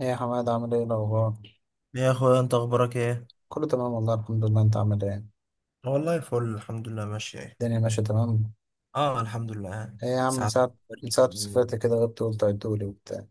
ايه يا حماد، عامل ايه الاخبار؟ يا اخويا، انت اخبارك ايه؟ كله تمام والله الحمد لله. انت عامل ايه؟ والله فل، الحمد لله ماشي. الدنيا ماشيه تمام. اه، الحمد لله. ايه يا عم، من ساعات. ساعه من ساعه ما سافرت كده غبت، قلت عدولي وبتاع.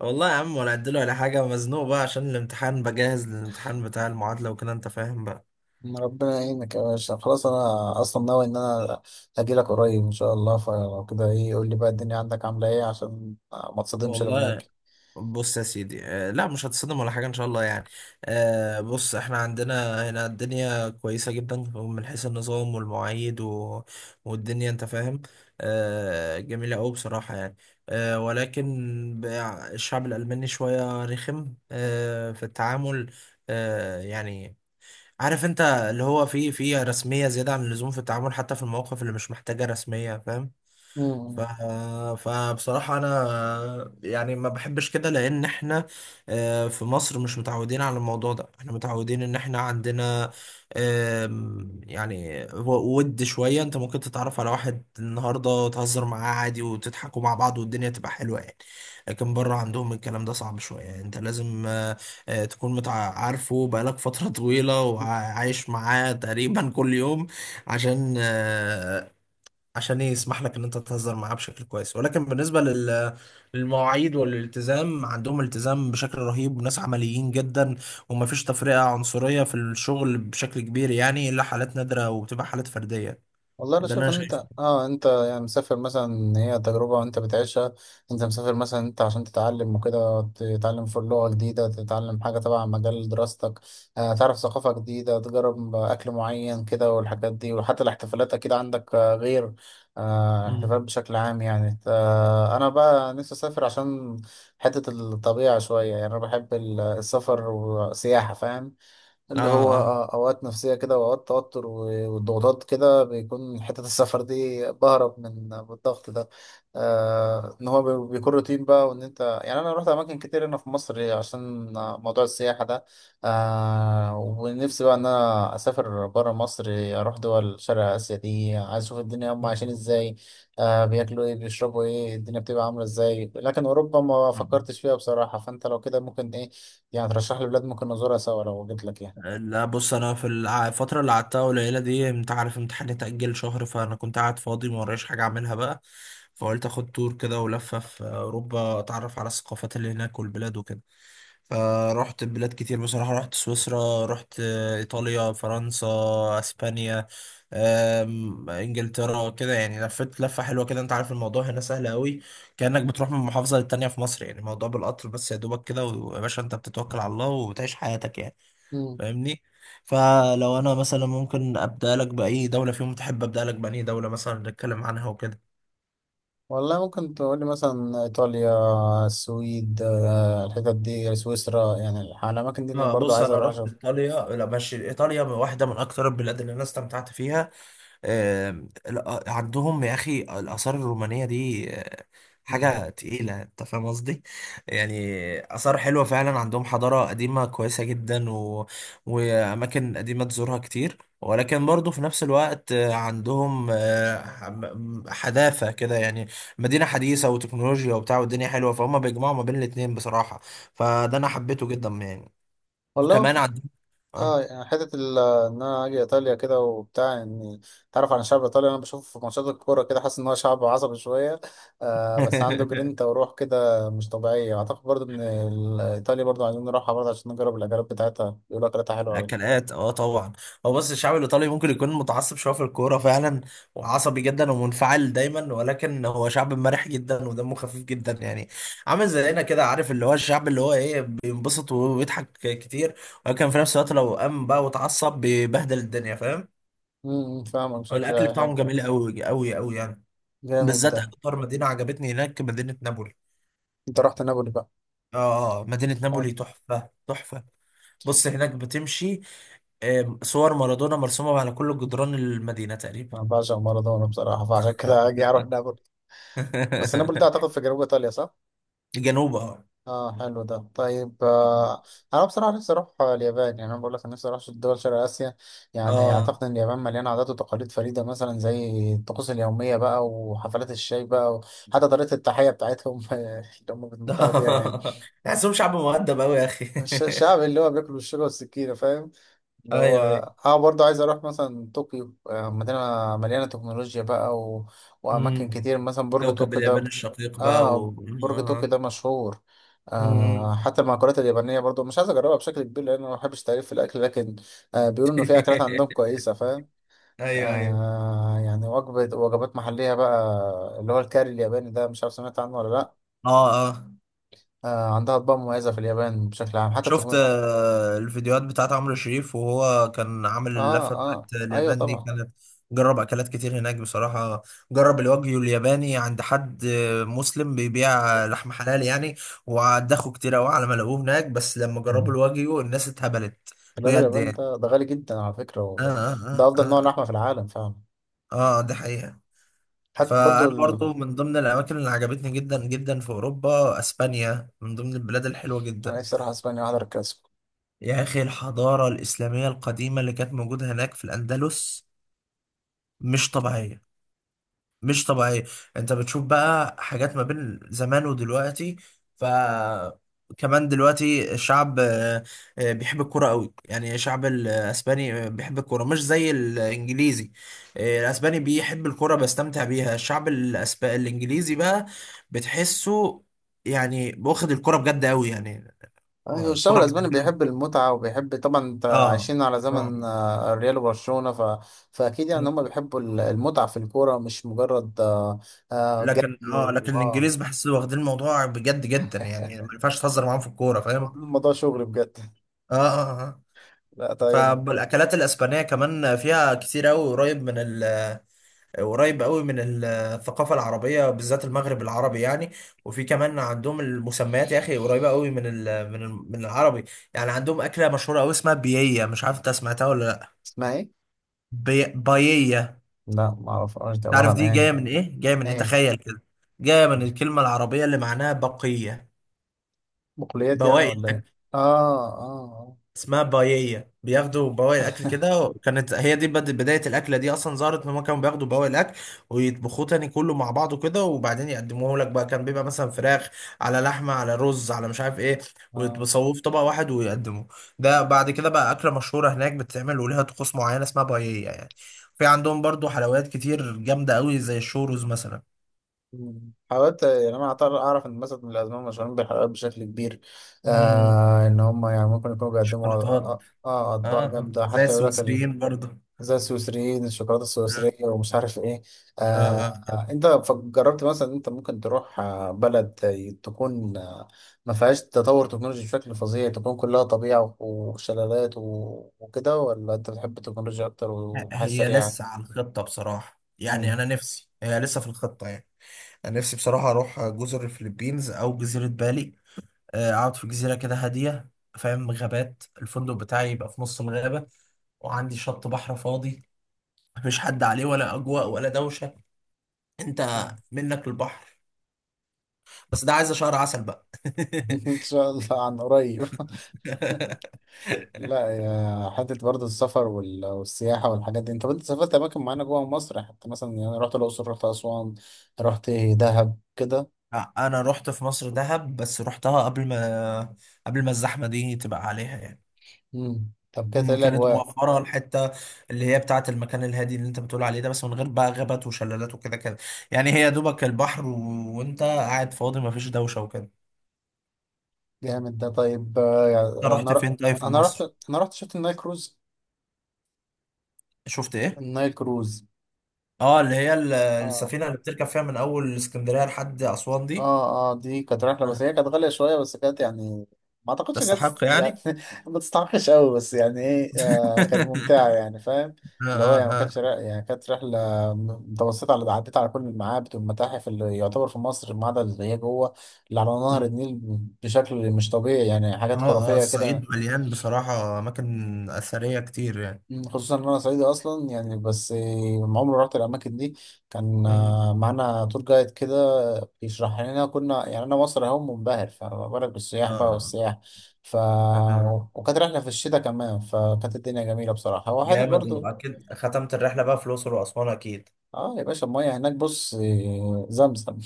والله يا عم، ولا اديله ولا حاجه، مزنوق بقى عشان الامتحان، بجهز للامتحان بتاع المعادله وكده، انت فاهم بقى. ما ربنا يعينك يا باشا. خلاص، انا اصلا ناوي ان انا اجي لك قريب ان شاء الله. فلو كده ايه، قول لي بقى الدنيا عندك عامله ايه عشان ما تصدمش لما والله، اجي. بص يا سيدي. لا، مش هتصدم ولا حاجة إن شاء الله يعني. بص، إحنا عندنا هنا الدنيا كويسة جدا من حيث النظام والمواعيد والدنيا أنت فاهم. جميلة أوي بصراحة يعني. ولكن الشعب الألماني شوية رخم في التعامل. يعني عارف أنت، اللي هو فيه رسمية زيادة عن اللزوم في التعامل، حتى في المواقف اللي مش محتاجة رسمية، فاهم. ف... مم. فبصراحة أنا يعني ما بحبش كده، لأن إحنا في مصر مش متعودين على الموضوع ده، إحنا متعودين إن إحنا عندنا يعني ود شوية. أنت ممكن تتعرف على واحد النهاردة وتهزر معاه عادي وتضحكوا مع بعض والدنيا تبقى حلوة يعني. لكن بره عندهم الكلام ده صعب شوية يعني، أنت لازم تكون عارفه بقالك فترة طويلة وعايش معاه تقريبا كل يوم، عشان عشان ايه يسمح لك ان انت تهزر معاه بشكل كويس. ولكن بالنسبه للمواعيد والالتزام، عندهم التزام بشكل رهيب، ناس عمليين جدا. ومفيش تفرقه عنصريه في الشغل بشكل كبير يعني، الا حالات نادره وبتبقى حالات فرديه. والله انا ده اللي شايف انا ان شايفه. انت يعني مسافر مثلا، إن هي تجربه وانت بتعيشها. انت مسافر مثلا انت عشان تتعلم وكده، تتعلم في لغه جديده، تتعلم حاجه تبع مجال دراستك، تعرف ثقافه جديده، تجرب اكل معين كده والحاجات دي، وحتى الاحتفالات اكيد عندك غير مم. احتفالات بشكل عام يعني. انا بقى نفسي اسافر عشان حته الطبيعه شويه. يعني انا بحب السفر والسياحه فاهم. اه اللي هو اه. اوقات نفسيه كده، واوقات توتر والضغوطات كده، بيكون حته السفر دي بهرب من الضغط ده. ان هو بيكون روتين بقى، وان انت يعني انا رحت اماكن كتير هنا في مصر عشان موضوع السياحه ده. ونفسي بقى ان انا اسافر بره مصر، اروح دول شرق اسيا دي. عايز اشوف الدنيا هم مم. عايشين ازاي، بياكلوا ايه، بيشربوا ايه، الدنيا بتبقى عامله ازاي. لكن اوروبا ما مم. فكرتش فيها بصراحه. فانت لو كده ممكن ايه، يعني ترشح لي بلاد ممكن نزورها سوا لو جيت لك يعني. لا بص، انا في الفتره اللي قعدتها قليله دي، انت عارف امتحاني اتاجل شهر، فانا كنت قاعد فاضي ما ورايش حاجه اعملها بقى. فقلت اخد تور كده ولفه في اوروبا، اتعرف على الثقافات اللي هناك والبلاد وكده. فرحت بلاد كتير بصراحة، رحت سويسرا، رحت إيطاليا، فرنسا، أسبانيا، إنجلترا كده، يعني لفيت لفة حلوة كده. أنت عارف الموضوع هنا سهل قوي، كأنك بتروح من محافظة للتانية في مصر يعني، الموضوع بالقطر بس يا دوبك كده، ويا باشا أنت بتتوكل على الله وبتعيش حياتك يعني. مم. فاهمني؟ فلو أنا مثلا ممكن أبدأ لك بأي دولة فيهم، تحب أبدأ لك بأي دولة مثلا نتكلم عنها وكده؟ والله ممكن تقولي مثلا إيطاليا، السويد، الحتت دي، سويسرا يعني الأماكن دي اللي اه برضو بص، عايز انا أروح رحت أشوفها. ايطاليا. لا ماشي، ايطاليا واحده من اكتر البلاد اللي انا استمتعت فيها. آه، عندهم يا أخي الآثار الرومانية دي، مم. حاجة تقيلة، أنت فاهم قصدي؟ يعني آثار حلوة فعلا، عندهم حضارة قديمة كويسة جدا وأماكن قديمة تزورها كتير. ولكن برضه في نفس الوقت عندهم حداثة كده يعني، مدينة حديثة وتكنولوجيا وبتاع والدنيا حلوة، فهم بيجمعوا ما بين الاتنين بصراحة. فده أنا حبيته جدا يعني. والله وكمان عندهم. آه. اه يعني حتة إن أنا أجي إيطاليا كده وبتاع، إني تعرف عن الشعب الإيطالي. أنا بشوفه في ماتشات الكورة كده، حاسس إن هو شعب عصبي شوية. بس عنده جرينتا وروح كده مش طبيعية. أعتقد برضو إن إيطاليا برضو عايزين نروحها برضو عشان نجرب الأكلات بتاعتها. بيقولوا أكلاتها حلوة أوي. الاكلات، اه طبعا. هو بص، الشعب الايطالي ممكن يكون متعصب شويه في الكوره فعلا، وعصبي جدا ومنفعل دايما. ولكن هو شعب مرح جدا ودمه خفيف جدا يعني، عامل زينا كده. عارف اللي هو الشعب اللي هو ايه، بينبسط ويضحك كتير. ولكن في نفس الوقت لو قام بقى وتعصب بيبهدل الدنيا، فاهم. فاهمك، والاكل شكلها بتاعهم حلو. جميل، قوي قوي قوي يعني. جامد بالذات ده. اكتر مدينه عجبتني هناك مدينه نابولي. أنت رحت نابولي اه. مدينه بقى؟ نابولي تحفه تحفه. بص هناك بتمشي، صور مارادونا مرسومة على كل جدران المدينة تقريبا. انا بعشق مارادونا بصراحه، فعشان كده اجي اروح نابولي. بس نابولي ده اعتقد في جنوب ايطاليا، صح؟ جنوب، اه. اه، حلو ده. طيب، انا بصراحه نفسي اروح اليابان. يعني انا بقول لك أنا نفسي اروح دول شرق اسيا. يعني اه. اعتقد ان اليابان مليانه عادات وتقاليد فريده مثلا، زي الطقوس اليوميه بقى، وحفلات الشاي بقى، وحتى طريقه التحيه بتاعتهم اللي هم بيتمتعوا بيها يعني. تحسهم شعب مؤدب أوي يا أخي. الشعب اللي هو بياكل بالشوكه والسكينه فاهم؟ اللي هو أيوه أيوه. اه برضه عايز اروح مثلا طوكيو، مدينة مليانة تكنولوجيا بقى وأماكن أمم. كتير، مثلا برج كوكب طوكيو ده اليابان الشقيق بقى اه برج طوكيو آه. ده مشهور. أمم. حتى المأكولات اليابانية برضه مش عايز أجربها بشكل كبير، لأن أنا ما بحبش تعريف في الأكل، لكن بيقولوا إن في أكلات عندهم كويسة فاهم. أيوه أيوه. يعني وجبات محلية بقى، اللي هو الكاري الياباني ده، مش عارف سمعت عنه ولا لأ. اه اه. عندها أطباق مميزة في اليابان بشكل عام. شفت الفيديوهات بتاعت عمرو شريف وهو كان عامل اه، اللفة اه، بتاعت أيوه، اليابان دي؟ طبعا. كانت جرب أكلات كتير هناك بصراحة. جرب الوagyu الياباني عند حد مسلم بيبيع لحم حلال يعني. وعدخوا كتير أوي على ما لقوه هناك، بس لما جربوا الواجيو الناس اتهبلت، الراجل بجد الياباني يعني. ده غالي جدا على فكرة آه ده آه آه أفضل نوع آه. لحمة في العالم فعلا. دي حقيقة. حتى برضو فأنا ال... برضو من ضمن الأماكن اللي عجبتني جدا جدا في أوروبا أسبانيا، من ضمن البلاد الحلوة أنا جدا. نفسي أروح أسبانيا أحضر الكلاسيكو. يا أخي الحضارة الإسلامية القديمة اللي كانت موجودة هناك في الأندلس مش طبيعية، مش طبيعية. أنت بتشوف بقى حاجات ما بين زمان ودلوقتي. ف كمان دلوقتي الشعب بيحب الكرة قوي، يعني الشعب الأسباني بيحب الكرة مش زي الإنجليزي. الأسباني بيحب الكرة بيستمتع بيها. الشعب الإنجليزي بقى بتحسه، يعني واخد الكرة بجد قوي يعني. أيوة، هو الشعب الكرة الأسباني بالنسبة له. بيحب المتعة وبيحب طبعا، أنت اه. عايشين على زمن آه. الريال وبرشلونة فأكيد يعني هما بيحبوا المتعة في الكورة، مش مجرد لكن جري اه، و لكن آه الانجليز بحس واخدين الموضوع بجد جدا يعني، ما ينفعش تهزر معاهم في الكوره، هو فاهم. الموضوع شغل بجد. اه اه اه. لا، طيب. فالاكلات الاسبانيه كمان فيها كتير قوي، قريب قريب قوي من الثقافه العربيه، بالذات المغرب العربي يعني. وفي كمان عندهم المسميات يا اخي قريبه قوي من العربي يعني. عندهم اكله مشهوره قوي اسمها بييه، مش عارف انت سمعتها ولا لا. اسمها إيه؟ باييه. لا، معرفهاش دي عبارة تعرف عن دي إيه؟ جايه من ايه؟ جايه من ايه، إيه؟ تخيل كده. جايه من الكلمه العربيه اللي معناها بقيه، بقوليات يعني بواقي. ولا إيه؟ آه، آه، اسمها بايية، بياخدوا بواقي الاكل كده، وكانت هي دي بداية الاكلة دي. اصلا ظهرت ان هم كانوا بياخدوا بواقي الاكل ويطبخوه تاني كله مع بعضه كده، وبعدين يقدموه لك بقى. كان بيبقى مثلا فراخ على لحمة على رز على مش عارف ايه، آه. ويتبصوه في طبق واحد ويقدموه. ده بعد كده بقى اكلة مشهورة هناك بتتعمل وليها طقوس معينة، اسمها بايية يعني. في عندهم برضو حلويات كتير جامدة قوي، زي الشوروز مثلا. مم. حاولت يعني انا اعرف ان مثلا من الازمه مشهورين بالحلويات بشكل كبير. مم. ان هم يعني ممكن يكونوا بيقدموا شوكولاتات. اه اه. اطباق آه. جامده، زي حتى يقول لك السويسريين برضو. زي السويسريين الشوكولاته اه السويسريه ومش عارف ايه. اه. آه. انت جربت مثلا إن انت ممكن تروح بلد تكون ما فيهاش تطور تكنولوجي بشكل فظيع، تكون كلها طبيعه وشلالات وكده، ولا انت بتحب التكنولوجيا اكتر والحياه هي السريعه؟ لسه على الخطة بصراحة يعني، أنا مم. نفسي هي لسه في الخطة يعني. أنا نفسي بصراحة أروح جزر الفلبينز أو جزيرة بالي. أقعد في جزيرة كده هادية. فاهم، غابات، الفندق بتاعي يبقى في نص الغابة، وعندي شط بحر فاضي مفيش حد عليه ولا أجواء ولا دوشة. أنت منك البحر. بس ده عايزة شهر عسل بقى. ان شاء الله عن قريب. لا يا حتة، برضه السفر والسياحة والحاجات دي، انت سافرت أماكن معينة جوه مصر؟ حتى مثلا يعني أنا رحت الأقصر، رحت أسوان، رحت دهب كده. أنا رحت في مصر دهب، بس رحتها قبل ما الزحمة دي تبقى عليها يعني. مم. طب كده ايه مم، كانت الأجواء؟ موفرة الحتة اللي هي بتاعة المكان الهادي اللي انت بتقول عليه ده، بس من غير بقى غابات وشلالات وكده كده يعني. هي دوبك البحر وانت قاعد فاضي مفيش دوشة وكده. جامد ده. طيب، يعني انت أنا رحت ر... فين طيب في أنا رحت مصر؟ أنا رحت شفت النايل كروز. شفت ايه؟ النايل كروز. اه، اللي هي اه، السفينة اللي بتركب فيها من اول اسكندرية لحد اسوان دي. اه، اه، دي كانت رحلة بس آه، هي كانت غالية شوية، بس كانت يعني ما اعتقدش ان هي تستحق يعني يعني؟ ما تستحقش قوي، بس يعني ايه، كانت ممتعة يعني فاهم. اه اللي هو يعني اه ما اه. كانتش يعني كانت رحلة م- متوسطة. على عديت على كل المعابد والمتاحف اللي يعتبر في مصر، ما عدا اللي هي جوه، اللي على نهر مم. النيل. بشكل مش طبيعي يعني حاجات اه اه، خرافية كده. الصعيد مليان بصراحة أماكن أثرية كتير يعني. خصوصا ان انا صعيدي اصلا يعني، بس ما عمري رحت الاماكن دي. كان مم. معانا تور جايد كده بيشرح لنا. كنا يعني انا مصر اهو منبهر، فما بالك بالسياح بقى اه. والسياح. ف آه. وكانت رحله في الشتاء كمان، فكانت الدنيا جميله بصراحه. هو حتت جامد، برضو. واكيد ختمت الرحله بقى في الاقصر واسوان اكيد. اه يا باشا، الميه هناك بص، زمزم.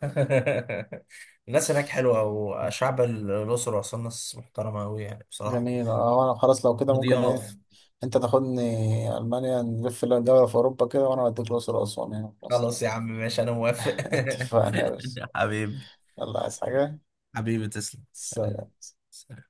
الناس هناك حلوه، وشعب الاقصر واسوان ناس محترمه قوي يعني بصراحه، جميل. اه انا خلاص لو كده ممكن ايه، ضياف. انت تاخدني المانيا نلف دوله في اوروبا كده، وانا اوديك الاقصر واسوان هنا في مصر. خلاص يا عم ماشي، انا موافق. اتفقنا يا باشا. حبيبي. يلا، عايز حاجه؟ حبيبي تسلم. سلام. سلام.